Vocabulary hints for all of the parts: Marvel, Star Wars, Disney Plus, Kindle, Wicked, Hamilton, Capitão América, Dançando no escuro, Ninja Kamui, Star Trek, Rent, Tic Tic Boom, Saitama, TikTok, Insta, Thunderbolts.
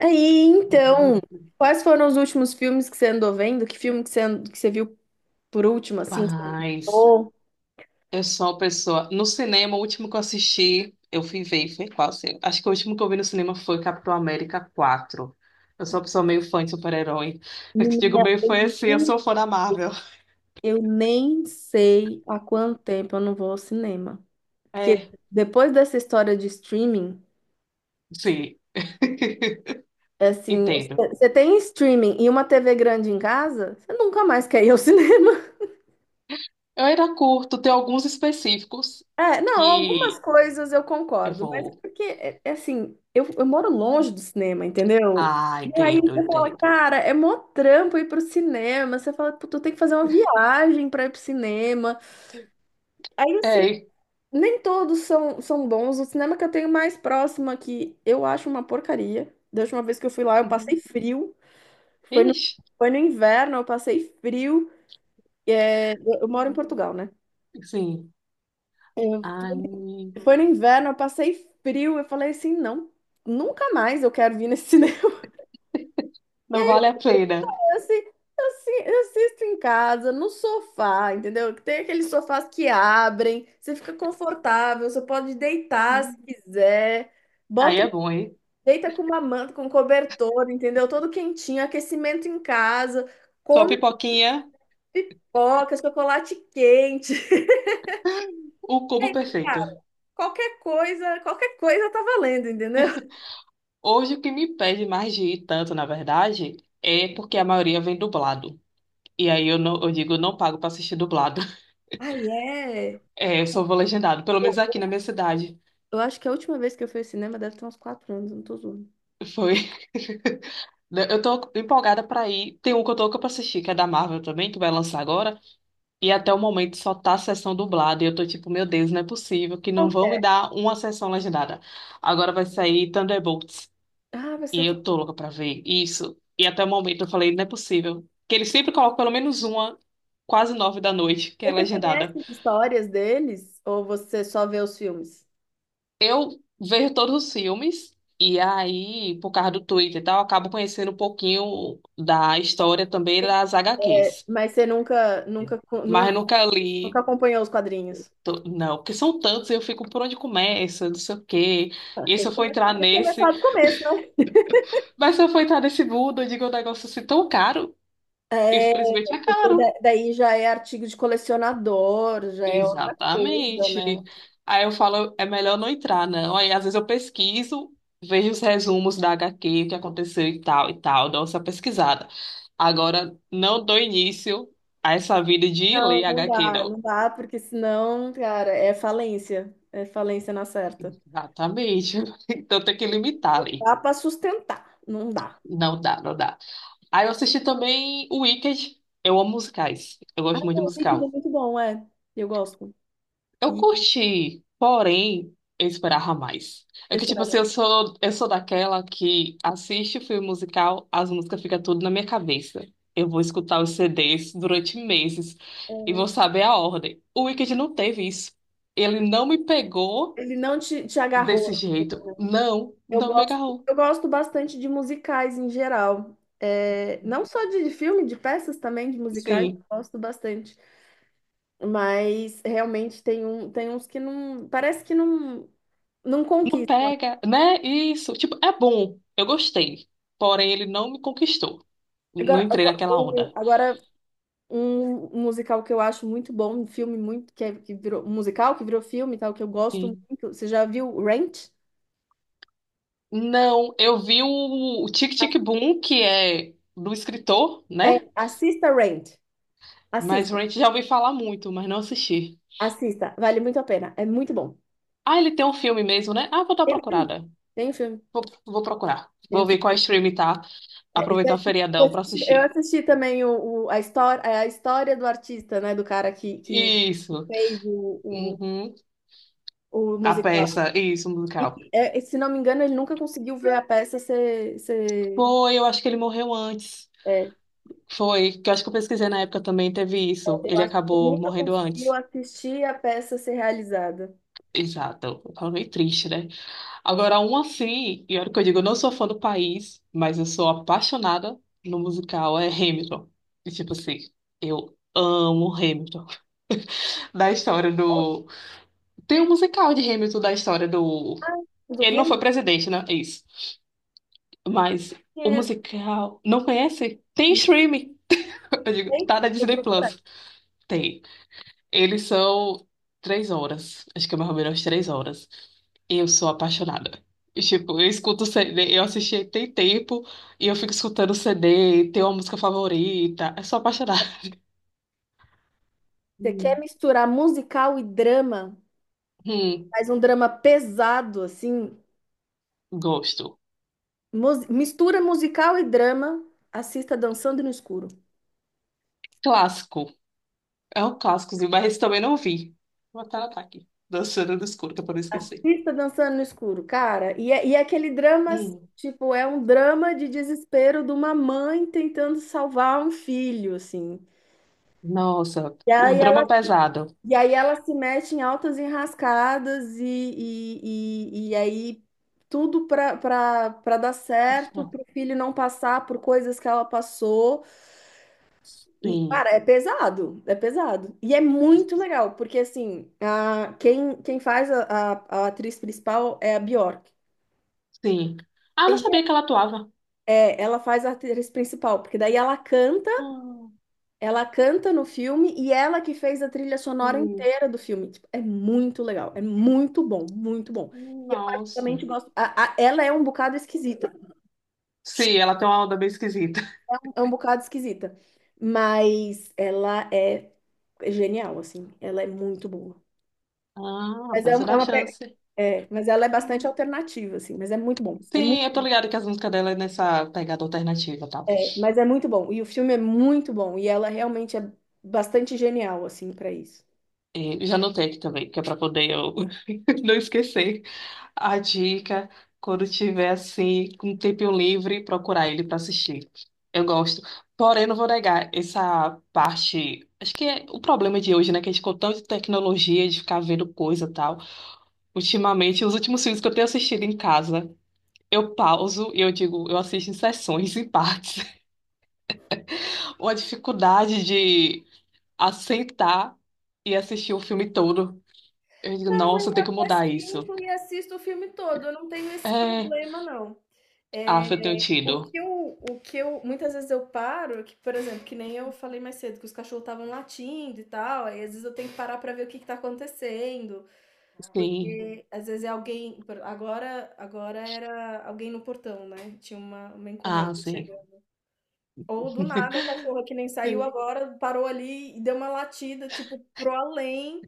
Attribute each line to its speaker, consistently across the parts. Speaker 1: Aí, então, quais foram os últimos filmes que você andou vendo? Que filme que você, que você viu por último, assim, que você
Speaker 2: Rapaz,
Speaker 1: gostou?
Speaker 2: eu sou uma pessoa. No cinema, o último que eu assisti, eu fui ver, foi qual quase. Acho que o último que eu vi no cinema foi Capitão América 4. Eu sou uma pessoa meio fã de super-herói. Eu te digo
Speaker 1: Menina,
Speaker 2: meio fã assim, eu
Speaker 1: nem,
Speaker 2: sou fã da Marvel.
Speaker 1: eu nem sei há quanto tempo eu não vou ao cinema. Porque
Speaker 2: É,
Speaker 1: depois dessa história de streaming,
Speaker 2: sim.
Speaker 1: é assim,
Speaker 2: Entendo.
Speaker 1: você tem streaming e uma TV grande em casa, você nunca mais quer ir ao cinema.
Speaker 2: Eu era curto, tem alguns específicos
Speaker 1: É, não, algumas
Speaker 2: que
Speaker 1: coisas eu
Speaker 2: eu
Speaker 1: concordo, mas é
Speaker 2: vou.
Speaker 1: porque, é assim, eu moro longe do cinema, entendeu?
Speaker 2: Ah,
Speaker 1: E aí
Speaker 2: entendo,
Speaker 1: você fala,
Speaker 2: entendo.
Speaker 1: cara, é mó trampo ir pro cinema. Você fala, tu tem que fazer uma viagem pra ir pro cinema. Aí o cine-
Speaker 2: É.
Speaker 1: Nem todos são bons. O cinema que eu tenho mais próximo aqui, eu acho uma porcaria. Da última vez que eu fui lá, eu passei
Speaker 2: Uhum.
Speaker 1: frio. Foi no,
Speaker 2: Ixi.
Speaker 1: foi no inverno, eu passei frio. É, eu moro em Portugal, né?
Speaker 2: Sim. Ai,
Speaker 1: Foi no inverno, eu passei frio. Eu falei assim, não, nunca mais eu quero vir nesse cinema.
Speaker 2: não vale a pena.
Speaker 1: Eu, assi- eu assisto em casa, no sofá, entendeu? Tem aqueles sofás que abrem, você fica confortável, você pode deitar se quiser.
Speaker 2: Aí
Speaker 1: Bota,
Speaker 2: é bom, hein?
Speaker 1: deita com uma manta, com um cobertor, entendeu? Todo quentinho, aquecimento em casa,
Speaker 2: Sua
Speaker 1: come
Speaker 2: pipoquinha,
Speaker 1: pipoca, chocolate quente.
Speaker 2: o cubo perfeito.
Speaker 1: Qualquer coisa tá valendo, entendeu?
Speaker 2: Hoje o que me pede mais de ir tanto, na verdade, é porque a maioria vem dublado. E aí eu, não, eu digo, eu não pago pra assistir dublado.
Speaker 1: Ai, é.
Speaker 2: É, eu só vou legendado, pelo menos aqui na minha cidade.
Speaker 1: Eu acho que a última vez que eu fui ao cinema deve ter uns quatro anos, não tô zoando.
Speaker 2: Foi. Eu tô empolgada pra ir. Tem um que eu tô louca pra assistir, que é da Marvel também, que vai lançar agora. E até o momento só tá a sessão dublada. E eu tô tipo, meu Deus, não é possível que
Speaker 1: Qual
Speaker 2: não
Speaker 1: que
Speaker 2: vão me
Speaker 1: é?
Speaker 2: dar uma sessão legendada. Agora vai sair Thunderbolts.
Speaker 1: Ah, vai ser
Speaker 2: E
Speaker 1: outra.
Speaker 2: eu tô louca pra ver isso. E até o momento eu falei, não é possível. Que eles sempre colocam pelo menos uma, quase 9 da noite, que é
Speaker 1: Você conhece
Speaker 2: legendada.
Speaker 1: as histórias deles ou você só vê os filmes?
Speaker 2: Eu vejo todos os filmes, e aí, por causa do Twitter e tal, eu acabo conhecendo um pouquinho da história também das HQs.
Speaker 1: Mas você
Speaker 2: Mas eu nunca
Speaker 1: nunca
Speaker 2: li.
Speaker 1: acompanhou os quadrinhos?
Speaker 2: Não, porque são tantos, eu fico por onde começa, não sei o quê.
Speaker 1: Ah,
Speaker 2: E
Speaker 1: tem
Speaker 2: se
Speaker 1: que
Speaker 2: eu for entrar
Speaker 1: começar,
Speaker 2: nesse.
Speaker 1: do começo, né?
Speaker 2: Mas se eu for entrar nesse mundo, eu digo, é um negócio assim tão caro.
Speaker 1: É,
Speaker 2: Infelizmente é
Speaker 1: porque
Speaker 2: caro.
Speaker 1: daí já é artigo de colecionador, já é outra coisa, né?
Speaker 2: Exatamente. Aí eu falo, é melhor não entrar, não. Aí às vezes eu pesquiso, vejo os resumos da HQ, o que aconteceu e tal, dou essa pesquisada. Agora, não dou início a essa vida de
Speaker 1: Não,
Speaker 2: ler HQ, não.
Speaker 1: não dá, porque senão, cara, é falência. É falência na certa.
Speaker 2: Exatamente. Então tem que limitar
Speaker 1: Não
Speaker 2: ali.
Speaker 1: dá pra sustentar, não dá.
Speaker 2: Não dá, não dá. Aí eu assisti também o Wicked. Eu amo musicais. Eu gosto muito de
Speaker 1: O Wicked é
Speaker 2: musical.
Speaker 1: muito bom, é. Eu gosto.
Speaker 2: Eu
Speaker 1: E
Speaker 2: curti, porém, eu esperava mais. É que, tipo assim,
Speaker 1: sinceramente,
Speaker 2: eu sou daquela que assiste o filme musical, as músicas ficam tudo na minha cabeça. Eu vou escutar os CDs durante meses e vou saber a ordem. O Wicked não teve isso. Ele não me pegou
Speaker 1: ele não te agarrou.
Speaker 2: desse jeito. Não,
Speaker 1: Eu
Speaker 2: não me
Speaker 1: gosto,
Speaker 2: agarrou.
Speaker 1: eu gosto bastante de musicais em geral. É, não só de filme, de peças também, de musicais,
Speaker 2: Sim,
Speaker 1: eu gosto bastante. Mas realmente tem, um, tem uns que não. Parece que não, não
Speaker 2: não
Speaker 1: conquista.
Speaker 2: pega, né? Isso, tipo, é bom. Eu gostei. Porém, ele não me conquistou. Não
Speaker 1: Agora,
Speaker 2: entrei naquela onda.
Speaker 1: agora um musical que eu acho muito bom, um filme muito, que, que virou um musical, que virou filme e tal, que eu gosto muito. Você já viu Rent?
Speaker 2: Não, eu vi o Tic Tic Boom, que é do escritor,
Speaker 1: É,
Speaker 2: né?
Speaker 1: assista Rent.
Speaker 2: Mas
Speaker 1: Assista,
Speaker 2: Rent já ouvi falar muito, mas não assisti.
Speaker 1: Assista, vale muito a pena. É muito bom.
Speaker 2: Ah, ele tem um filme mesmo, né? Ah, vou dar uma procurada.
Speaker 1: Tem um filme.
Speaker 2: Vou, vou procurar.
Speaker 1: Tem
Speaker 2: Vou
Speaker 1: um
Speaker 2: ver
Speaker 1: filme-
Speaker 2: qual stream tá.
Speaker 1: É, isso
Speaker 2: Aproveitar o
Speaker 1: aí.
Speaker 2: feriadão pra
Speaker 1: Eu
Speaker 2: assistir.
Speaker 1: assisti também a história, é, a história do artista, né? Do cara que
Speaker 2: Isso.
Speaker 1: fez
Speaker 2: Uhum.
Speaker 1: o
Speaker 2: A
Speaker 1: musical.
Speaker 2: peça, isso, o
Speaker 1: E,
Speaker 2: musical.
Speaker 1: é, se não me engano, ele nunca conseguiu ver a peça ser,
Speaker 2: Foi, eu acho que ele morreu antes.
Speaker 1: é,
Speaker 2: Foi, que eu acho que eu pesquisei na época também, teve isso.
Speaker 1: eu
Speaker 2: Ele
Speaker 1: acho que ele
Speaker 2: acabou
Speaker 1: nunca
Speaker 2: morrendo
Speaker 1: conseguiu
Speaker 2: antes.
Speaker 1: assistir a peça ser realizada.
Speaker 2: Exato. Eu falo meio triste, né?
Speaker 1: Né?
Speaker 2: Agora, um assim, e olha que eu digo, eu não sou fã do país, mas eu sou apaixonada no musical, é Hamilton. E tipo assim, eu amo Hamilton. Da história do. Tem um musical de Hamilton da história do.
Speaker 1: Ah, do
Speaker 2: Ele não foi
Speaker 1: Hamilton,
Speaker 2: presidente, né? É isso. Mas o
Speaker 1: conheço.
Speaker 2: musical. Não conhece? Tem
Speaker 1: Não
Speaker 2: streaming. Eu digo,
Speaker 1: sei,
Speaker 2: tá na
Speaker 1: vou
Speaker 2: Disney
Speaker 1: procurar.
Speaker 2: Plus. Tem. Eles são 3 horas. Acho que é mais ou menos 3 horas. Eu sou apaixonada. E, Tipo, eu escuto CD, eu assisti tem tempo e eu fico escutando CD, tenho uma música favorita. Eu sou apaixonada.
Speaker 1: Você quer
Speaker 2: Hum.
Speaker 1: misturar musical e drama?
Speaker 2: Hum,
Speaker 1: Faz um drama pesado, assim,
Speaker 2: gosto.
Speaker 1: Mistura musical e drama. Assista Dançando no Escuro.
Speaker 2: Clássico. É um clássicozinho, mas esse também não vi. Vou até anotar aqui. Dançando no escuro, que é pra não esquecer.
Speaker 1: Assista Dançando no Escuro, cara. E é aquele drama,
Speaker 2: Hum,
Speaker 1: tipo, é um drama de desespero de uma mãe tentando salvar um filho, assim.
Speaker 2: nossa,
Speaker 1: E
Speaker 2: o
Speaker 1: aí ela,
Speaker 2: drama pesado.
Speaker 1: e aí ela se mete em altas enrascadas e aí tudo para dar certo,
Speaker 2: Nossa,
Speaker 1: para o filho não passar por coisas que ela passou. E,
Speaker 2: Sim,
Speaker 1: cara, é pesado, é pesado. E é muito legal, porque assim, quem faz a atriz principal é a Bjork.
Speaker 2: sim. Ah, eu não
Speaker 1: E,
Speaker 2: sabia que ela atuava.
Speaker 1: é, ela faz a atriz principal, porque daí
Speaker 2: Hum,
Speaker 1: ela canta no filme e ela que fez a trilha sonora
Speaker 2: hum,
Speaker 1: inteira do filme. Tipo, é muito legal, é muito bom, muito bom. E eu
Speaker 2: nossa.
Speaker 1: particularmente gosto. Ela é um bocado esquisita,
Speaker 2: Sim, ela tem uma onda bem esquisita.
Speaker 1: é um bocado esquisita, mas ela é genial, assim, ela é muito boa.
Speaker 2: Ah,
Speaker 1: Mas
Speaker 2: precisa
Speaker 1: é
Speaker 2: dar
Speaker 1: uma
Speaker 2: chance.
Speaker 1: É, mas ela é bastante
Speaker 2: Hum.
Speaker 1: alternativa, assim, mas é muito bom.
Speaker 2: Sim, eu tô ligada que as músicas dela é nessa pegada alternativa, tá?
Speaker 1: É, mas é muito bom. E o filme é muito bom. E ela realmente é bastante genial, assim, para isso.
Speaker 2: E já anotei aqui também, que é pra poder eu não esquecer a dica quando tiver assim, com um tempinho livre, procurar ele pra assistir. Eu gosto. Porém, não vou negar essa parte. Acho que é o problema de hoje, né? Que a gente ficou tanto de tecnologia, de ficar vendo coisa e tal. Ultimamente, os últimos filmes que eu tenho assistido em casa. Eu pauso e eu digo, eu assisto em sessões, em partes. Ou a dificuldade de assentar e assistir o filme todo. Eu digo,
Speaker 1: Não,
Speaker 2: nossa, eu
Speaker 1: eu
Speaker 2: tenho que
Speaker 1: até
Speaker 2: mudar isso.
Speaker 1: sinto e assisto o filme todo. Eu não tenho esse
Speaker 2: É,
Speaker 1: problema, não.
Speaker 2: ah,
Speaker 1: É,
Speaker 2: eu tenho tido.
Speaker 1: muitas vezes eu paro, que, por exemplo, que nem eu falei mais cedo, que os cachorros estavam latindo e tal, aí às vezes eu tenho que parar pra ver o que que tá acontecendo.
Speaker 2: Sim,
Speaker 1: Porque às vezes é alguém. Agora, agora era alguém no portão, né? Tinha uma
Speaker 2: ah,
Speaker 1: encomenda
Speaker 2: sim.
Speaker 1: chegando. Ou do nada, a cachorra que nem saiu
Speaker 2: Sim.
Speaker 1: agora parou ali e deu uma latida, tipo, pro além.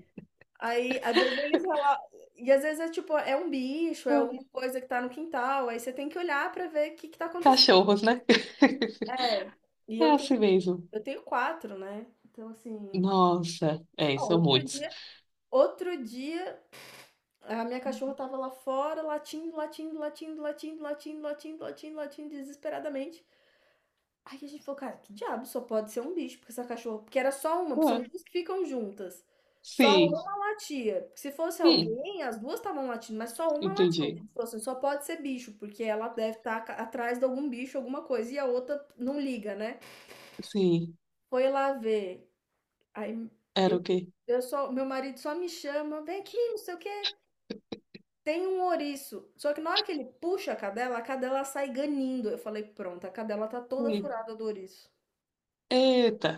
Speaker 1: Aí, às vezes eles rela- E às vezes é tipo, é um bicho, é
Speaker 2: Ah,
Speaker 1: alguma coisa que tá no quintal. Aí você tem que olhar pra ver o que que tá acontecendo.
Speaker 2: Cachorros, né?
Speaker 1: É. E
Speaker 2: É
Speaker 1: eu tenho,
Speaker 2: assim mesmo.
Speaker 1: eu tenho quatro, né? Então, assim.
Speaker 2: Nossa, é,
Speaker 1: Ó,
Speaker 2: são
Speaker 1: outro
Speaker 2: muitos.
Speaker 1: dia. Outro dia A minha cachorra tava lá fora, latindo, desesperadamente. Aí a gente falou, cara, que diabo, só pode ser um bicho, porque essa cachorra. Porque era só uma, são
Speaker 2: Ah,
Speaker 1: duas que ficam juntas. Só
Speaker 2: sim,
Speaker 1: uma latia. Porque se fosse
Speaker 2: hum,
Speaker 1: alguém, as duas estavam latindo, mas só uma latia.
Speaker 2: entendi.
Speaker 1: A gente falou assim, só pode ser bicho, porque ela deve estar atrás de algum bicho, alguma coisa, e a outra não liga, né?
Speaker 2: Sim,
Speaker 1: Foi lá ver. Aí
Speaker 2: era o
Speaker 1: eu,
Speaker 2: quê?
Speaker 1: eu só, meu marido só me chama, vem aqui, não sei o quê. Tem um ouriço, só que na hora que ele puxa a cadela sai ganindo. Eu falei, pronto, a cadela tá toda
Speaker 2: Hum.
Speaker 1: furada do ouriço.
Speaker 2: Eita,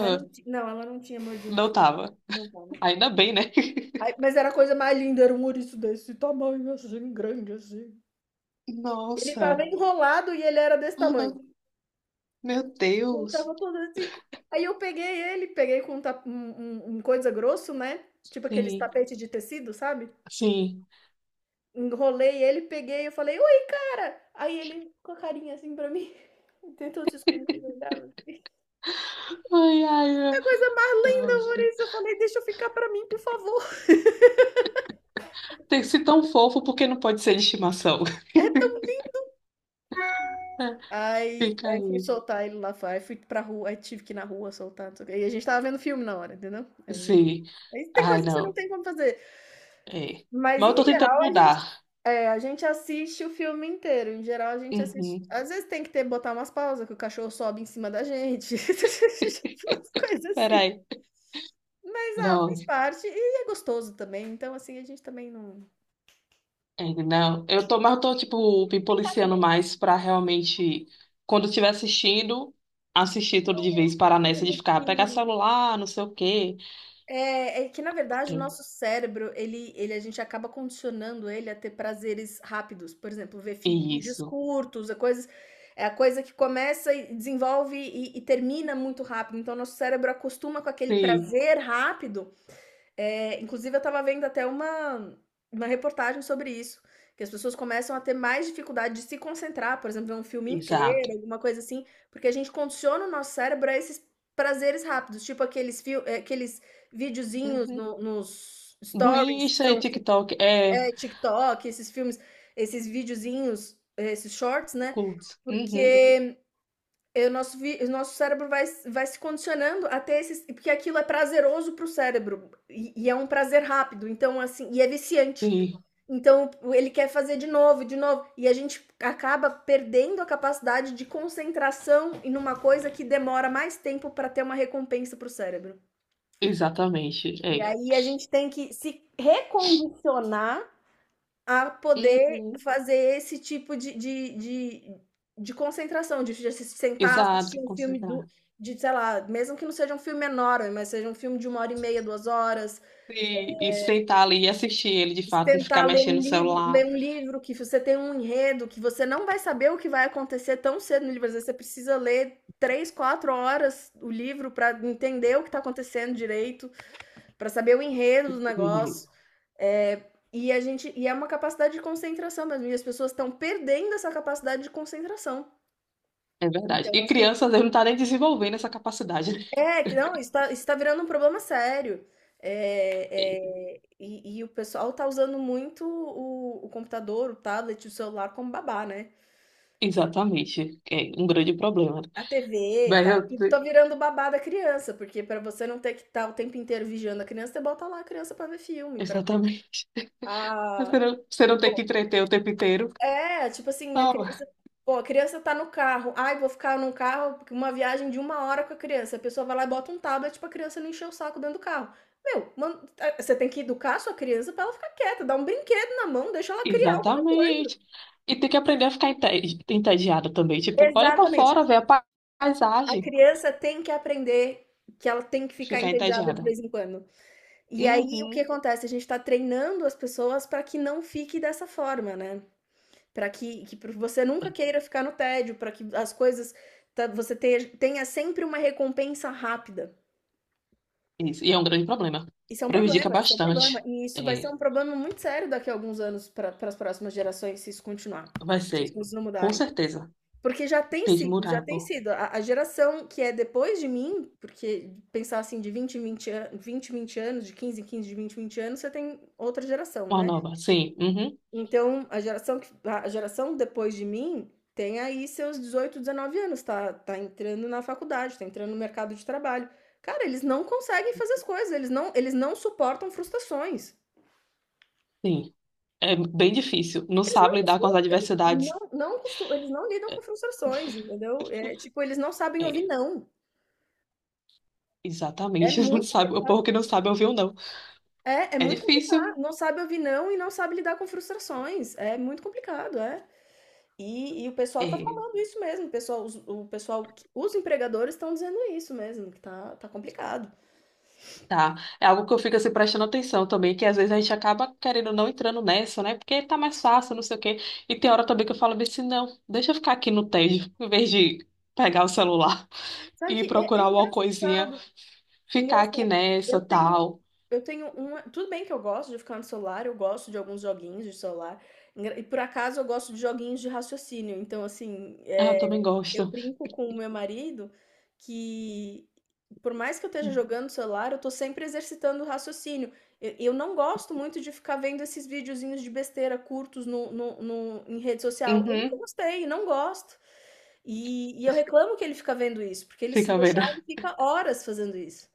Speaker 1: Mas não, não, ela não tinha mordido o
Speaker 2: não
Speaker 1: ouriço.
Speaker 2: tava.
Speaker 1: Não tava.
Speaker 2: Ainda bem, né?
Speaker 1: Ai, mas era a coisa mais linda, era um ouriço desse tamanho, assim, grande, assim. Ele
Speaker 2: Nossa.
Speaker 1: tava enrolado e ele era desse tamanho.
Speaker 2: Aham. Meu
Speaker 1: Ele
Speaker 2: Deus.
Speaker 1: tava todo assim. Aí eu peguei ele, peguei com um coisa grosso, né? Tipo aqueles
Speaker 2: Sim,
Speaker 1: tapetes de tecido, sabe?
Speaker 2: sim.
Speaker 1: Enrolei ele, peguei, eu falei: "Oi, cara!" Aí ele com a carinha assim pra mim, tentou se esconder, olhava.
Speaker 2: Ai, ai,
Speaker 1: Que
Speaker 2: meu-
Speaker 1: coisa mais linda,
Speaker 2: nossa.
Speaker 1: Maurício. Eu falei: "Deixa eu ficar pra mim, por favor".
Speaker 2: Tem que ser tão fofo porque não pode ser de estimação.
Speaker 1: É tão
Speaker 2: Fica
Speaker 1: aí fui
Speaker 2: aí.
Speaker 1: soltar ele lá fora, aí fui pra rua, aí tive que ir na rua soltar, não sei o quê. E a gente tava vendo filme na hora, entendeu?
Speaker 2: Sim.
Speaker 1: Aí tem
Speaker 2: Ai,
Speaker 1: coisa que você não
Speaker 2: não.
Speaker 1: tem como fazer.
Speaker 2: É.
Speaker 1: Mas
Speaker 2: Mas eu
Speaker 1: em
Speaker 2: tô tentando
Speaker 1: geral a gente
Speaker 2: mudar.
Speaker 1: é, a gente assiste o filme inteiro, em geral a gente assiste
Speaker 2: Uhum.
Speaker 1: às vezes tem que ter botar umas pausas, que o cachorro sobe em cima da gente, umas coisas assim.
Speaker 2: Peraí.
Speaker 1: Mas, ah, faz
Speaker 2: Nossa.
Speaker 1: parte e é gostoso também, então, assim, a gente também não.
Speaker 2: É, não. Eu tô, mas eu tô, tipo, me
Speaker 1: Vem cá,
Speaker 2: policiando
Speaker 1: filha.
Speaker 2: mais pra realmente, quando eu estiver assistindo, assistir tudo de vez, parar
Speaker 1: Sabe
Speaker 2: nessa de
Speaker 1: que
Speaker 2: ficar, pegar celular, não sei o quê.
Speaker 1: é que na verdade o
Speaker 2: Entendeu?
Speaker 1: nosso cérebro, ele a gente acaba condicionando ele a ter prazeres rápidos, por exemplo, ver fi vídeos
Speaker 2: Isso.
Speaker 1: curtos, é coisas é a coisa que começa e desenvolve e termina muito rápido, então nosso cérebro acostuma com aquele
Speaker 2: Sim.
Speaker 1: prazer rápido. É, inclusive, eu estava vendo até uma reportagem sobre isso, que as pessoas começam a ter mais dificuldade de se concentrar, por exemplo, ver um filme inteiro,
Speaker 2: Exato.
Speaker 1: alguma coisa assim, porque a gente condiciona o nosso cérebro a esses prazeres rápidos, tipo aqueles, aqueles videozinhos nos
Speaker 2: Do
Speaker 1: stories, que
Speaker 2: Insta e
Speaker 1: são
Speaker 2: TikTok. É,
Speaker 1: é, TikTok, esses filmes, esses videozinhos, esses shorts, né?
Speaker 2: culto. Uhum.
Speaker 1: Porque o nosso cérebro vai, vai se condicionando a ter esses. Porque aquilo é prazeroso pro cérebro. E é um prazer rápido. Então, assim, e é viciante.
Speaker 2: Sim,
Speaker 1: Então, ele quer fazer de novo, de novo. E a gente acaba perdendo a capacidade de concentração em uma coisa que demora mais tempo para ter uma recompensa pro cérebro.
Speaker 2: exatamente.
Speaker 1: E
Speaker 2: É.
Speaker 1: aí a gente tem que se recondicionar a poder
Speaker 2: Uhum.
Speaker 1: fazer esse tipo de de concentração, de se sentar,
Speaker 2: Exato,
Speaker 1: assistir um filme do
Speaker 2: consagrar.
Speaker 1: de, sei lá, mesmo que não seja um filme enorme, mas seja um filme de uma hora e meia, 2 horas,
Speaker 2: E sentar ali e assistir ele de fato, não ficar
Speaker 1: tentar ler
Speaker 2: mexendo
Speaker 1: um
Speaker 2: no
Speaker 1: livro
Speaker 2: celular.
Speaker 1: que você tem um enredo, que você não vai saber o que vai acontecer tão cedo no livro, às vezes você precisa ler 3 4 horas o livro para entender o que está acontecendo direito para saber o enredo do
Speaker 2: Uhum.
Speaker 1: negócio. É, e a gente e é uma capacidade de concentração mesmo. E as pessoas estão perdendo essa capacidade de concentração.
Speaker 2: É verdade.
Speaker 1: Então,
Speaker 2: E
Speaker 1: assim,
Speaker 2: crianças, eles não está nem desenvolvendo essa capacidade. Né?
Speaker 1: é, que não, está virando um problema sério. É,
Speaker 2: É,
Speaker 1: é, e o pessoal tá usando muito o computador, o tablet, o celular como babá, né?
Speaker 2: exatamente. É um grande problema.
Speaker 1: A TV e
Speaker 2: Mas
Speaker 1: tal,
Speaker 2: eu,
Speaker 1: tudo tá
Speaker 2: te-
Speaker 1: virando babá da criança, porque para você não ter que estar o tempo inteiro vigiando a criança, você bota lá a criança para ver filme, para ver
Speaker 2: exatamente.
Speaker 1: a
Speaker 2: Você não tem que entreter o tempo inteiro.
Speaker 1: É, tipo assim, a
Speaker 2: Tá
Speaker 1: criança pô, a criança tá no carro. "Ai, vou ficar num carro uma viagem de uma hora com a criança." A pessoa vai lá e bota um tablet pra criança não encher o saco dentro do carro. Meu, você tem que educar a sua criança pra ela ficar quieta, dá um brinquedo na mão, deixa ela criar alguma coisa.
Speaker 2: Exatamente. E tem que aprender a ficar entediada também. Tipo, olha pra
Speaker 1: Exatamente.
Speaker 2: fora, vê a
Speaker 1: A
Speaker 2: paisagem,
Speaker 1: criança tem que aprender que ela tem que ficar
Speaker 2: ficar
Speaker 1: entediada de
Speaker 2: entediada.
Speaker 1: vez em quando. E aí, o que
Speaker 2: Uhum.
Speaker 1: acontece? A gente tá treinando as pessoas pra que não fique dessa forma, né. para que que pra você nunca queira ficar no tédio, para que as coisas ta você te tenha sempre uma recompensa rápida.
Speaker 2: Isso. E é um grande problema.
Speaker 1: Isso é um
Speaker 2: Prejudica
Speaker 1: problema, isso é um problema.
Speaker 2: bastante.
Speaker 1: E isso vai
Speaker 2: É,
Speaker 1: ser um problema muito sério daqui a alguns anos pra para as próximas gerações se isso continuar,
Speaker 2: vai
Speaker 1: se as
Speaker 2: ser,
Speaker 1: coisas não
Speaker 2: com
Speaker 1: mudarem.
Speaker 2: certeza,
Speaker 1: Porque já tem
Speaker 2: tem que
Speaker 1: sido, já
Speaker 2: mudar,
Speaker 1: tem
Speaker 2: pô.
Speaker 1: sido. A geração que é depois de mim, porque pensar assim de 20 em 20 an 20 em 20 anos, de 15 em 15 de 20 em 20 anos, você tem outra geração,
Speaker 2: Uma
Speaker 1: né.
Speaker 2: nova. Sim, uhum,
Speaker 1: Então, a geração que a geração depois de mim tem aí seus 18 19 anos, tá entrando na faculdade, tá entrando no mercado de trabalho. Cara, eles não conseguem fazer as coisas, eles não suportam frustrações.
Speaker 2: sim. É bem difícil. Não
Speaker 1: Eles não
Speaker 2: sabe lidar com as
Speaker 1: costumam- eles não
Speaker 2: adversidades.
Speaker 1: não costu eles não lidam com frustrações, entendeu? É, tipo, eles não sabem ouvir
Speaker 2: É,
Speaker 1: "não". É
Speaker 2: exatamente. Não
Speaker 1: muito
Speaker 2: sabe, o
Speaker 1: complicado.
Speaker 2: povo que não sabe ouvir o não.
Speaker 1: É, é
Speaker 2: É
Speaker 1: muito
Speaker 2: difícil.
Speaker 1: complicado. Não sabe ouvir "não" e não sabe lidar com frustrações. É muito complicado, é. E o pessoal tá
Speaker 2: É,
Speaker 1: falando isso mesmo, o pessoal, os empregadores estão dizendo isso mesmo, que tá complicado.
Speaker 2: Tá. É algo que eu fico assim prestando atenção também, que às vezes a gente acaba querendo não entrando nessa, né? Porque tá mais fácil, não sei o quê. E tem hora também que eu falo bem assim, não, deixa eu ficar aqui no tédio, em vez de pegar o celular
Speaker 1: Sabe
Speaker 2: e
Speaker 1: que é
Speaker 2: procurar alguma coisinha,
Speaker 1: engraçado,
Speaker 2: ficar aqui
Speaker 1: engraçado.
Speaker 2: nessa,
Speaker 1: Eu tenho
Speaker 2: tal.
Speaker 1: Eu tenho uma tudo bem que eu gosto de ficar no celular, eu gosto de alguns joguinhos de celular, engra e por acaso eu gosto de joguinhos de raciocínio, então assim,
Speaker 2: Ah, eu também
Speaker 1: eu
Speaker 2: gosto.
Speaker 1: brinco com o meu marido que por mais que eu esteja jogando no celular, eu tô sempre exercitando o raciocínio. E eu não gosto muito de ficar vendo esses videozinhos de besteira curtos no no no em rede social. Eu nunca
Speaker 2: Uhum,
Speaker 1: gostei, não gosto. E eu reclamo que ele fica vendo isso, porque ele se
Speaker 2: fica vendo.
Speaker 1: deixar, ele fica horas fazendo isso.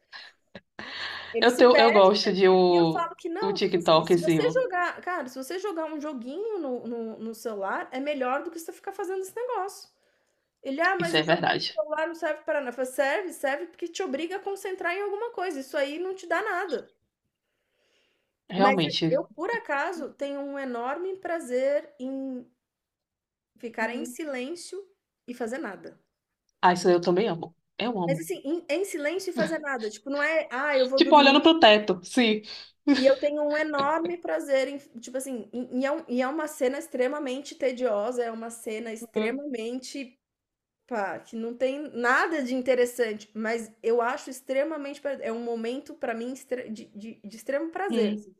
Speaker 1: Ele
Speaker 2: Eu
Speaker 1: se
Speaker 2: tenho, eu
Speaker 1: perdem
Speaker 2: gosto
Speaker 1: também
Speaker 2: de
Speaker 1: e eu falo que
Speaker 2: o
Speaker 1: não, tipo assim, se você
Speaker 2: TikTokzinho.
Speaker 1: jogar, cara, se você jogar um joguinho no celular, é melhor do que você ficar fazendo esse negócio. Ele, ah, mas
Speaker 2: Isso é
Speaker 1: o joguinho do
Speaker 2: verdade.
Speaker 1: celular não serve para nada. Eu falo, serve, serve porque te obriga a concentrar em alguma coisa. Isso aí não te dá nada. Mas eu,
Speaker 2: Realmente.
Speaker 1: por acaso, tenho um enorme prazer em ficar em
Speaker 2: Uhum.
Speaker 1: silêncio e fazer nada.
Speaker 2: Ah, isso eu também amo. Eu
Speaker 1: Mas
Speaker 2: amo.
Speaker 1: assim, em silêncio e fazer nada. Tipo, não é, ah, eu vou
Speaker 2: Tipo,
Speaker 1: dormir.
Speaker 2: olhando pro teto, sim.
Speaker 1: E eu tenho um enorme prazer em tipo assim, e é uma cena extremamente tediosa, é uma cena extremamente, pá, que não tem nada de interessante, mas eu acho extremamente pra é um momento pra mim extre de extremo prazer,
Speaker 2: Uhum,
Speaker 1: assim,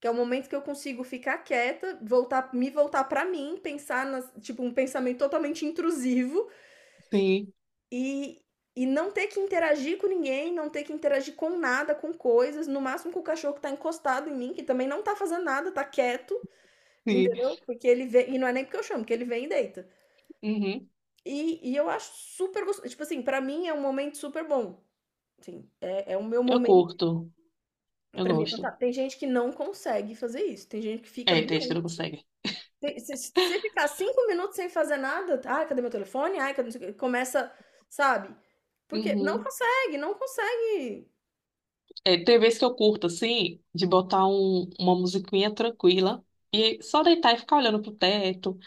Speaker 1: que é o momento que eu consigo ficar quieta, voltar me voltar pra mim, pensar nas tipo, um pensamento totalmente intrusivo,
Speaker 2: sim.
Speaker 1: e e não ter que interagir com ninguém, não ter que interagir com nada, com coisas, no máximo com o cachorro que tá encostado em mim, que também não tá fazendo nada, tá quieto,
Speaker 2: Sim.
Speaker 1: entendeu? Porque ele vem, e não é nem porque eu chamo, porque ele vem e deita.
Speaker 2: Uhum.
Speaker 1: E eu acho super gostoso, tipo assim, pra mim é um momento super bom. Sim, é, é o meu
Speaker 2: Eu
Speaker 1: momento,
Speaker 2: curto. Eu
Speaker 1: pra mim é
Speaker 2: gosto.
Speaker 1: fantástico. Tem gente que não consegue fazer isso, tem gente que fica
Speaker 2: É, tem gente que não
Speaker 1: doente.
Speaker 2: consegue.
Speaker 1: Se ficar 5 minutos sem fazer nada, "ai, cadê meu telefone? Ai, cadê, não sei o quê?" começa, sabe? Porque não
Speaker 2: Uhum.
Speaker 1: consegue, não consegue.
Speaker 2: É, tem vezes que eu curto, assim, de botar uma musiquinha tranquila e só deitar e ficar olhando pro teto,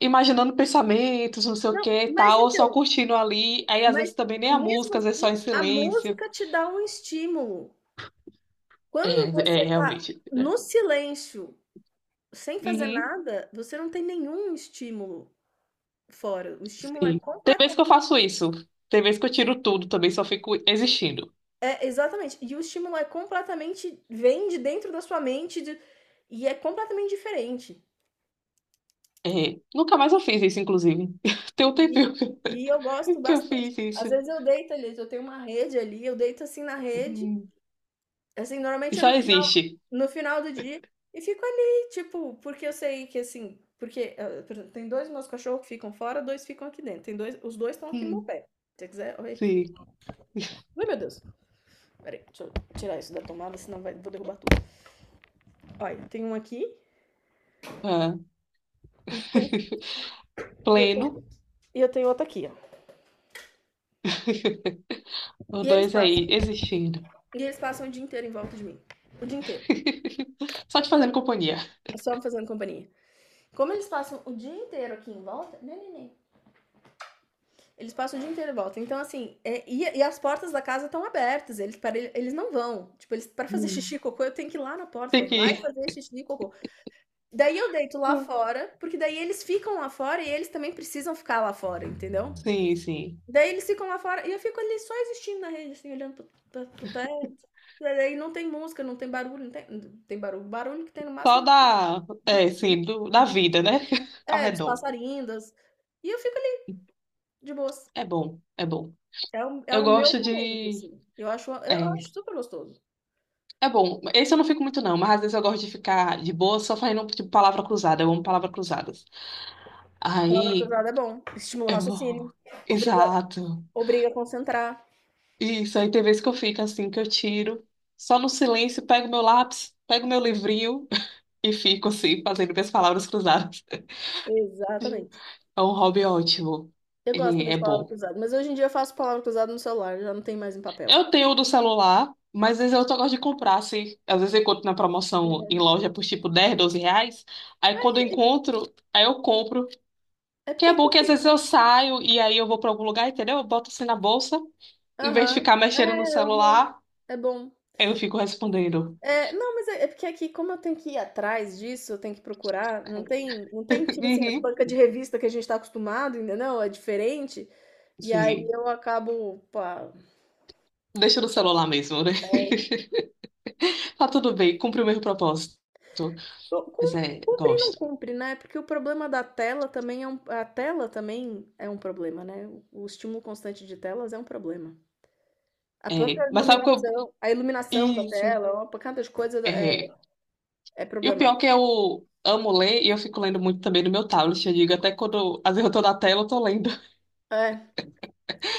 Speaker 2: imaginando pensamentos, não sei o
Speaker 1: Não,
Speaker 2: que e
Speaker 1: mas
Speaker 2: tal, ou só
Speaker 1: então,
Speaker 2: curtindo ali. Aí, às
Speaker 1: mas
Speaker 2: vezes, também nem a
Speaker 1: mesmo
Speaker 2: música, às vezes só
Speaker 1: assim,
Speaker 2: em
Speaker 1: a
Speaker 2: silêncio.
Speaker 1: música te dá um estímulo.
Speaker 2: É,
Speaker 1: Quando
Speaker 2: é
Speaker 1: você tá
Speaker 2: realmente.
Speaker 1: no silêncio, sem fazer
Speaker 2: Uhum.
Speaker 1: nada, você não tem nenhum estímulo fora. O estímulo é
Speaker 2: Sim. Tem vezes que
Speaker 1: completamente.
Speaker 2: eu faço isso. Tem vezes que eu tiro tudo também, só fico existindo.
Speaker 1: É, exatamente. E o estímulo é completamente. Vem de dentro da sua mente e é completamente diferente.
Speaker 2: É, nunca mais eu fiz isso, inclusive. Tem um
Speaker 1: E,
Speaker 2: tempinho
Speaker 1: e eu gosto
Speaker 2: que eu
Speaker 1: bastante.
Speaker 2: fiz isso.
Speaker 1: Às vezes eu deito ali, eu tenho uma rede ali, eu deito assim na rede.
Speaker 2: Hum.
Speaker 1: Assim,
Speaker 2: E
Speaker 1: normalmente é
Speaker 2: só existe.
Speaker 1: no final do dia e fico ali, tipo, porque eu sei que assim, porque, por exemplo, tem 2 meus cachorros que ficam fora, 2 ficam aqui dentro. Tem 2 Os 2 estão aqui no meu
Speaker 2: Hum.
Speaker 1: pé. Se você quiser, olha aqui.
Speaker 2: Sim.
Speaker 1: Ai, meu Deus. Espera, deixa eu tirar isso da tomada, senão vai vou derrubar tudo. Olha, tem um aqui
Speaker 2: Ah.
Speaker 1: e tem e eu tenho
Speaker 2: Pleno,
Speaker 1: e eu tenho outro aqui, ó.
Speaker 2: os
Speaker 1: E eles
Speaker 2: dois
Speaker 1: passam
Speaker 2: aí, existindo.
Speaker 1: e eles passam o dia inteiro em volta de mim, o dia inteiro.
Speaker 2: Só te fazendo companhia.
Speaker 1: É só me fazendo companhia. Como eles passam o dia inteiro aqui em volta, neném. Eles passam o dia inteiro e voltam. Então, assim, e as portas da casa estão abertas. Eles, para, eles não vão. Tipo, eles, para fazer xixi e
Speaker 2: Hum.
Speaker 1: cocô, eu tenho que ir lá na porta.
Speaker 2: Tem
Speaker 1: Falar, vai
Speaker 2: que.
Speaker 1: fazer xixi e cocô. Daí eu deito lá fora, porque daí eles ficam lá fora e eles também precisam ficar lá fora, entendeu?
Speaker 2: Sim, sim.
Speaker 1: Daí eles ficam lá fora e eu fico ali só existindo na rede, assim, olhando pro teto. Daí não tem música, não tem barulho, não tem, tem barulho. Barulho que tem no
Speaker 2: Só
Speaker 1: máximo
Speaker 2: da.
Speaker 1: do,
Speaker 2: É,
Speaker 1: do-
Speaker 2: sim, da vida, né? Ao
Speaker 1: dos
Speaker 2: redor.
Speaker 1: passarinhos. E eu fico ali de boas.
Speaker 2: É bom, é bom.
Speaker 1: É o, é
Speaker 2: Eu
Speaker 1: o meu
Speaker 2: gosto
Speaker 1: momento,
Speaker 2: de.
Speaker 1: assim. Eu acho,
Speaker 2: É,
Speaker 1: eu acho super gostoso.
Speaker 2: é bom. Esse eu não fico muito, não, mas às vezes eu gosto de ficar de boa só fazendo, tipo, palavra cruzada. Eu amo palavras cruzadas.
Speaker 1: Palavra
Speaker 2: Aí,
Speaker 1: cruzada é bom. Estimula o
Speaker 2: eu.
Speaker 1: raciocínio. Obriga,
Speaker 2: Exato.
Speaker 1: obriga a concentrar.
Speaker 2: Isso, aí tem vezes que eu fico assim, que eu tiro, só no silêncio, pego meu lápis, pego meu livrinho e fico assim, fazendo minhas palavras cruzadas. Sim.
Speaker 1: Exatamente.
Speaker 2: É um hobby ótimo.
Speaker 1: Eu gosto
Speaker 2: Ele
Speaker 1: também
Speaker 2: é
Speaker 1: de palavra
Speaker 2: bom.
Speaker 1: cruzada, mas hoje em dia eu faço palavra cruzada no celular, já não tem mais em papel.
Speaker 2: Eu tenho o do celular, mas às vezes eu só gosto de comprar, assim. Às vezes eu encontro na promoção
Speaker 1: É
Speaker 2: em loja por tipo 10 12 reais. Aí quando eu encontro, aí eu compro.
Speaker 1: é
Speaker 2: Que
Speaker 1: porque
Speaker 2: é
Speaker 1: aqui.
Speaker 2: bom que às vezes eu saio e aí eu vou pra algum lugar, entendeu? Eu boto assim na bolsa, em vez de
Speaker 1: Aham.
Speaker 2: ficar mexendo no
Speaker 1: É, eu
Speaker 2: celular,
Speaker 1: é bom.
Speaker 2: aí eu fico respondendo.
Speaker 1: É, não, mas é, é porque aqui, como eu tenho que ir atrás disso, eu tenho que procurar, não tem, não tem, tipo assim, as
Speaker 2: Uhum.
Speaker 1: bancas de revista que a gente tá acostumado, entendeu? É diferente. E aí
Speaker 2: Sim.
Speaker 1: eu acabo, pá,
Speaker 2: Deixa no
Speaker 1: sei lá.
Speaker 2: celular mesmo, né?
Speaker 1: é,
Speaker 2: Tá tudo bem, cumpri o meu propósito.
Speaker 1: Cu-
Speaker 2: Mas
Speaker 1: Cum-
Speaker 2: é,
Speaker 1: Cumprir não
Speaker 2: gosto.
Speaker 1: cumpre, né? Porque o problema da tela também é um, a tela também é um problema, né? O estímulo constante de telas é um problema. A
Speaker 2: É,
Speaker 1: própria
Speaker 2: mas sabe o que eu.
Speaker 1: iluminação, a iluminação da
Speaker 2: Isso.
Speaker 1: tela, uma pancada de coisa é,
Speaker 2: É.
Speaker 1: é
Speaker 2: E o pior é que
Speaker 1: problemática.
Speaker 2: eu amo ler e eu fico lendo muito também no meu tablet. Eu digo, até quando às vezes eu tô na tela, eu tô lendo.
Speaker 1: É,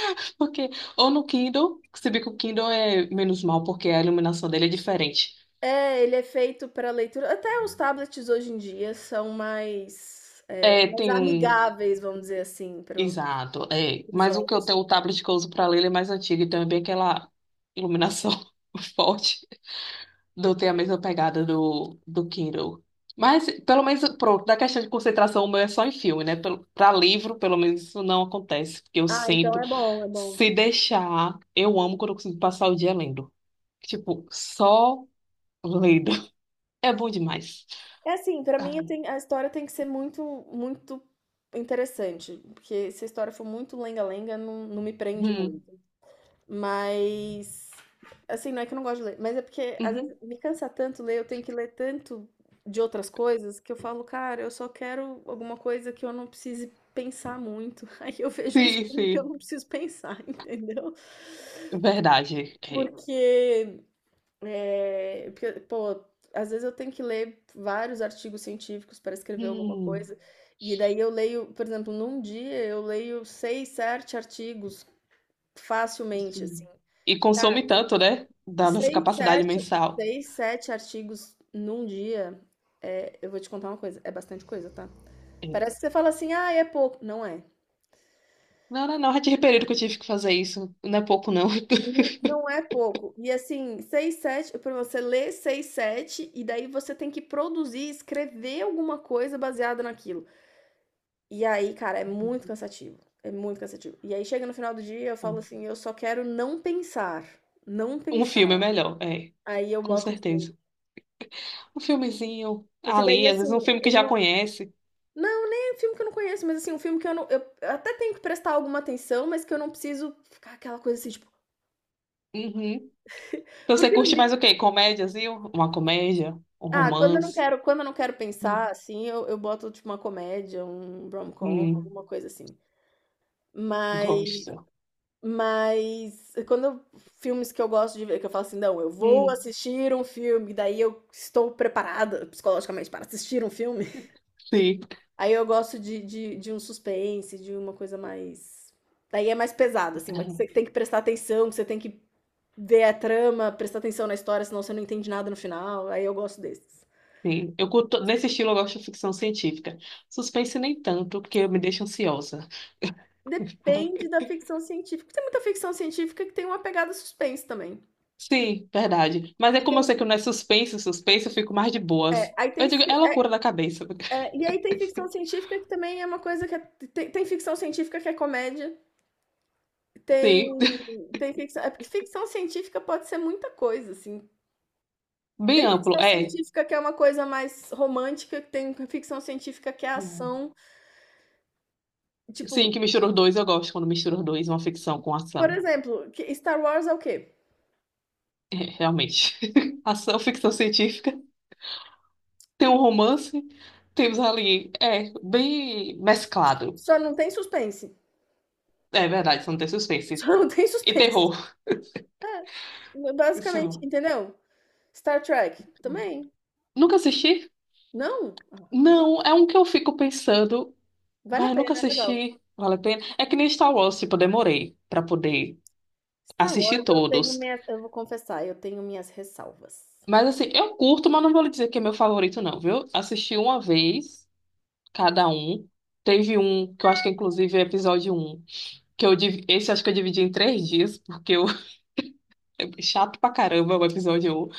Speaker 2: Porque, ou no Kindle, se bem que o Kindle é menos mal, porque a iluminação dele é diferente.
Speaker 1: ele é feito para leitura. Até os tablets hoje em dia são
Speaker 2: É,
Speaker 1: mais
Speaker 2: tem um.
Speaker 1: amigáveis, vamos dizer assim, para
Speaker 2: Exato, é.
Speaker 1: os
Speaker 2: Mas o que eu
Speaker 1: olhos.
Speaker 2: tenho, o tablet que eu uso pra ler, ele é mais antigo, então é bem aquela iluminação forte. Não tem a mesma pegada do Kindle. Mas, pelo menos, pronto, da questão de concentração, o meu é só em filme, né? Para livro, pelo menos, isso não acontece, porque eu
Speaker 1: Ah, então
Speaker 2: sinto,
Speaker 1: é bom, é bom.
Speaker 2: se deixar, eu amo quando eu consigo passar o dia lendo. Tipo, só lendo. É bom demais.
Speaker 1: É assim, pra
Speaker 2: Ai,
Speaker 1: mim a história tem que ser muito, muito interessante, porque se a história for muito lenga-lenga, não, não me prende
Speaker 2: hum,
Speaker 1: muito. Mas, assim, não é que eu não gosto de ler, mas é porque às
Speaker 2: uhum.
Speaker 1: vezes me cansa tanto ler, eu tenho que ler tanto de outras coisas que eu falo, cara, eu só quero alguma coisa que eu não precise pensar muito. Aí eu vejo uns
Speaker 2: Sim,
Speaker 1: filmes que eu
Speaker 2: sim,
Speaker 1: não preciso pensar, entendeu?
Speaker 2: verdade. É.
Speaker 1: Porque pô, às vezes eu tenho que ler vários artigos científicos para escrever alguma
Speaker 2: Hum,
Speaker 1: coisa, e daí eu leio, por exemplo, num dia eu leio seis, sete artigos facilmente, assim.
Speaker 2: sim. E consome tanto, né? Da nossa
Speaker 1: Seis,
Speaker 2: capacidade
Speaker 1: sete,
Speaker 2: mensal.
Speaker 1: seis, sete artigos num dia, é, eu vou te contar uma coisa, é bastante coisa, tá?
Speaker 2: É.
Speaker 1: Parece que você fala assim, ah, é pouco. Não é.
Speaker 2: Não, não, não, já tive período que eu tive que fazer isso. Não é pouco, não.
Speaker 1: Não é pouco. E assim, seis, sete, para você ler seis, sete, e daí você tem que produzir, escrever alguma coisa baseada naquilo. E aí, cara, é muito cansativo. É muito cansativo. E aí chega no final do dia, eu falo assim, eu só quero não pensar. Não
Speaker 2: Um filme é
Speaker 1: pensar.
Speaker 2: melhor, é,
Speaker 1: Aí eu
Speaker 2: com
Speaker 1: boto o filme.
Speaker 2: certeza. Um filmezinho
Speaker 1: Porque daí,
Speaker 2: ali, às
Speaker 1: assim,
Speaker 2: vezes um filme
Speaker 1: eu
Speaker 2: que já
Speaker 1: não.
Speaker 2: conhece.
Speaker 1: Não, nem é um filme que eu não conheço, mas assim, um filme que eu não. Eu até tenho que prestar alguma atenção, mas que eu não preciso ficar aquela coisa assim, tipo.
Speaker 2: Uhum. Então você
Speaker 1: Porque no
Speaker 2: curte mais
Speaker 1: li-
Speaker 2: o quê? Comédias, viu? Uma comédia, um
Speaker 1: Ah, quando eu não
Speaker 2: romance.
Speaker 1: quero, quando eu não quero
Speaker 2: Hum,
Speaker 1: pensar, assim, eu boto, tipo, uma comédia, um rom-com,
Speaker 2: hum,
Speaker 1: alguma coisa assim. Mas
Speaker 2: gosto.
Speaker 1: Mas quando eu filmes que eu gosto de ver, que eu falo assim: "Não, eu vou
Speaker 2: Hum,
Speaker 1: assistir um filme", daí eu estou preparada psicologicamente para assistir um filme.
Speaker 2: sim.
Speaker 1: Aí eu gosto de um suspense, de uma coisa mais daí é mais pesado, assim, mas que
Speaker 2: É,
Speaker 1: você tem que prestar atenção, que você tem que ver a trama, prestar atenção na história, senão você não entende nada no final, aí eu gosto desses.
Speaker 2: sim. Eu curto, nesse estilo eu gosto de ficção científica. Suspense nem tanto, porque me deixa ansiosa.
Speaker 1: Depende da ficção científica, tem muita ficção científica que tem uma pegada suspense também.
Speaker 2: Sim, verdade. Mas é
Speaker 1: E
Speaker 2: como
Speaker 1: tem
Speaker 2: eu sei que não é suspense, suspense, eu fico mais de
Speaker 1: é,
Speaker 2: boas.
Speaker 1: aí tem
Speaker 2: Eu digo, é loucura da cabeça.
Speaker 1: E aí tem ficção científica que também é uma coisa que é, tem ficção científica que é comédia, tem
Speaker 2: Sim,
Speaker 1: é porque ficção científica pode ser muita coisa, assim.
Speaker 2: bem
Speaker 1: Tem
Speaker 2: amplo,
Speaker 1: ficção
Speaker 2: é.
Speaker 1: científica que é uma coisa mais romântica, que tem ficção científica que é ação,
Speaker 2: Sim,
Speaker 1: tipo,
Speaker 2: que mistura os dois, eu gosto quando mistura os dois, uma ficção com
Speaker 1: por
Speaker 2: ação.
Speaker 1: exemplo, Star Wars é o quê?
Speaker 2: É, Realmente. Ação, ficção científica. Tem um romance, temos ali. É, bem mesclado.
Speaker 1: Só não tem suspense.
Speaker 2: É verdade, só não tem suspense.
Speaker 1: Só não tem
Speaker 2: E
Speaker 1: suspense.
Speaker 2: terror.
Speaker 1: É, basicamente,
Speaker 2: Só.
Speaker 1: entendeu? Star Trek também.
Speaker 2: Nunca assisti?
Speaker 1: Não? Ah, cara,
Speaker 2: Não, é um que eu fico pensando.
Speaker 1: vale a
Speaker 2: Mas nunca
Speaker 1: pena, é legal.
Speaker 2: assisti. Vale a pena. É que nem Star Wars, tipo, eu demorei pra poder
Speaker 1: Star
Speaker 2: assistir
Speaker 1: Wars eu tenho
Speaker 2: todos.
Speaker 1: minhas, eu vou confessar, eu tenho minhas ressalvas.
Speaker 2: Mas assim, eu curto, mas não vou lhe dizer que é meu favorito, não, viu? Assisti uma vez. Cada um. Teve um, que eu acho que é, inclusive é episódio um que eu divi- esse eu acho que eu dividi em 3 dias, porque eu chato pra caramba o episódio um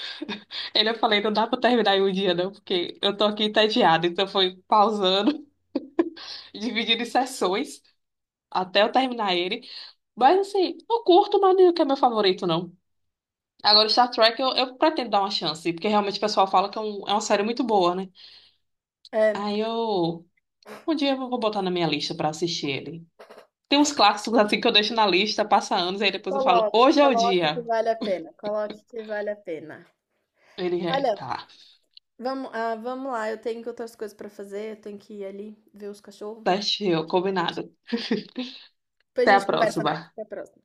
Speaker 2: Ele eu falei, não dá pra terminar em um dia não, porque eu tô aqui entediada, então foi pausando, dividindo em sessões até eu terminar ele. Mas assim, eu curto, mas não é que é meu favorito não. Agora o Star Trek eu pretendo dar uma chance, porque realmente o pessoal fala que é, é uma série muito boa, né?
Speaker 1: É,
Speaker 2: Aí eu um dia eu vou botar na minha lista pra assistir ele. Tem uns clássicos assim que eu deixo na lista, passa anos, aí depois eu falo,
Speaker 1: coloque,
Speaker 2: hoje é o
Speaker 1: coloque que
Speaker 2: dia.
Speaker 1: vale a pena, coloque que vale a pena.
Speaker 2: Ele, "É,
Speaker 1: Olha,
Speaker 2: tá,
Speaker 1: vamos, ah, vamos lá, eu tenho outras coisas para fazer, eu tenho que ir ali ver os cachorros.
Speaker 2: certinho,
Speaker 1: Depois a gente
Speaker 2: combinado.
Speaker 1: depois
Speaker 2: Até
Speaker 1: a
Speaker 2: a
Speaker 1: gente conversa mais.
Speaker 2: próxima.
Speaker 1: Até a próxima.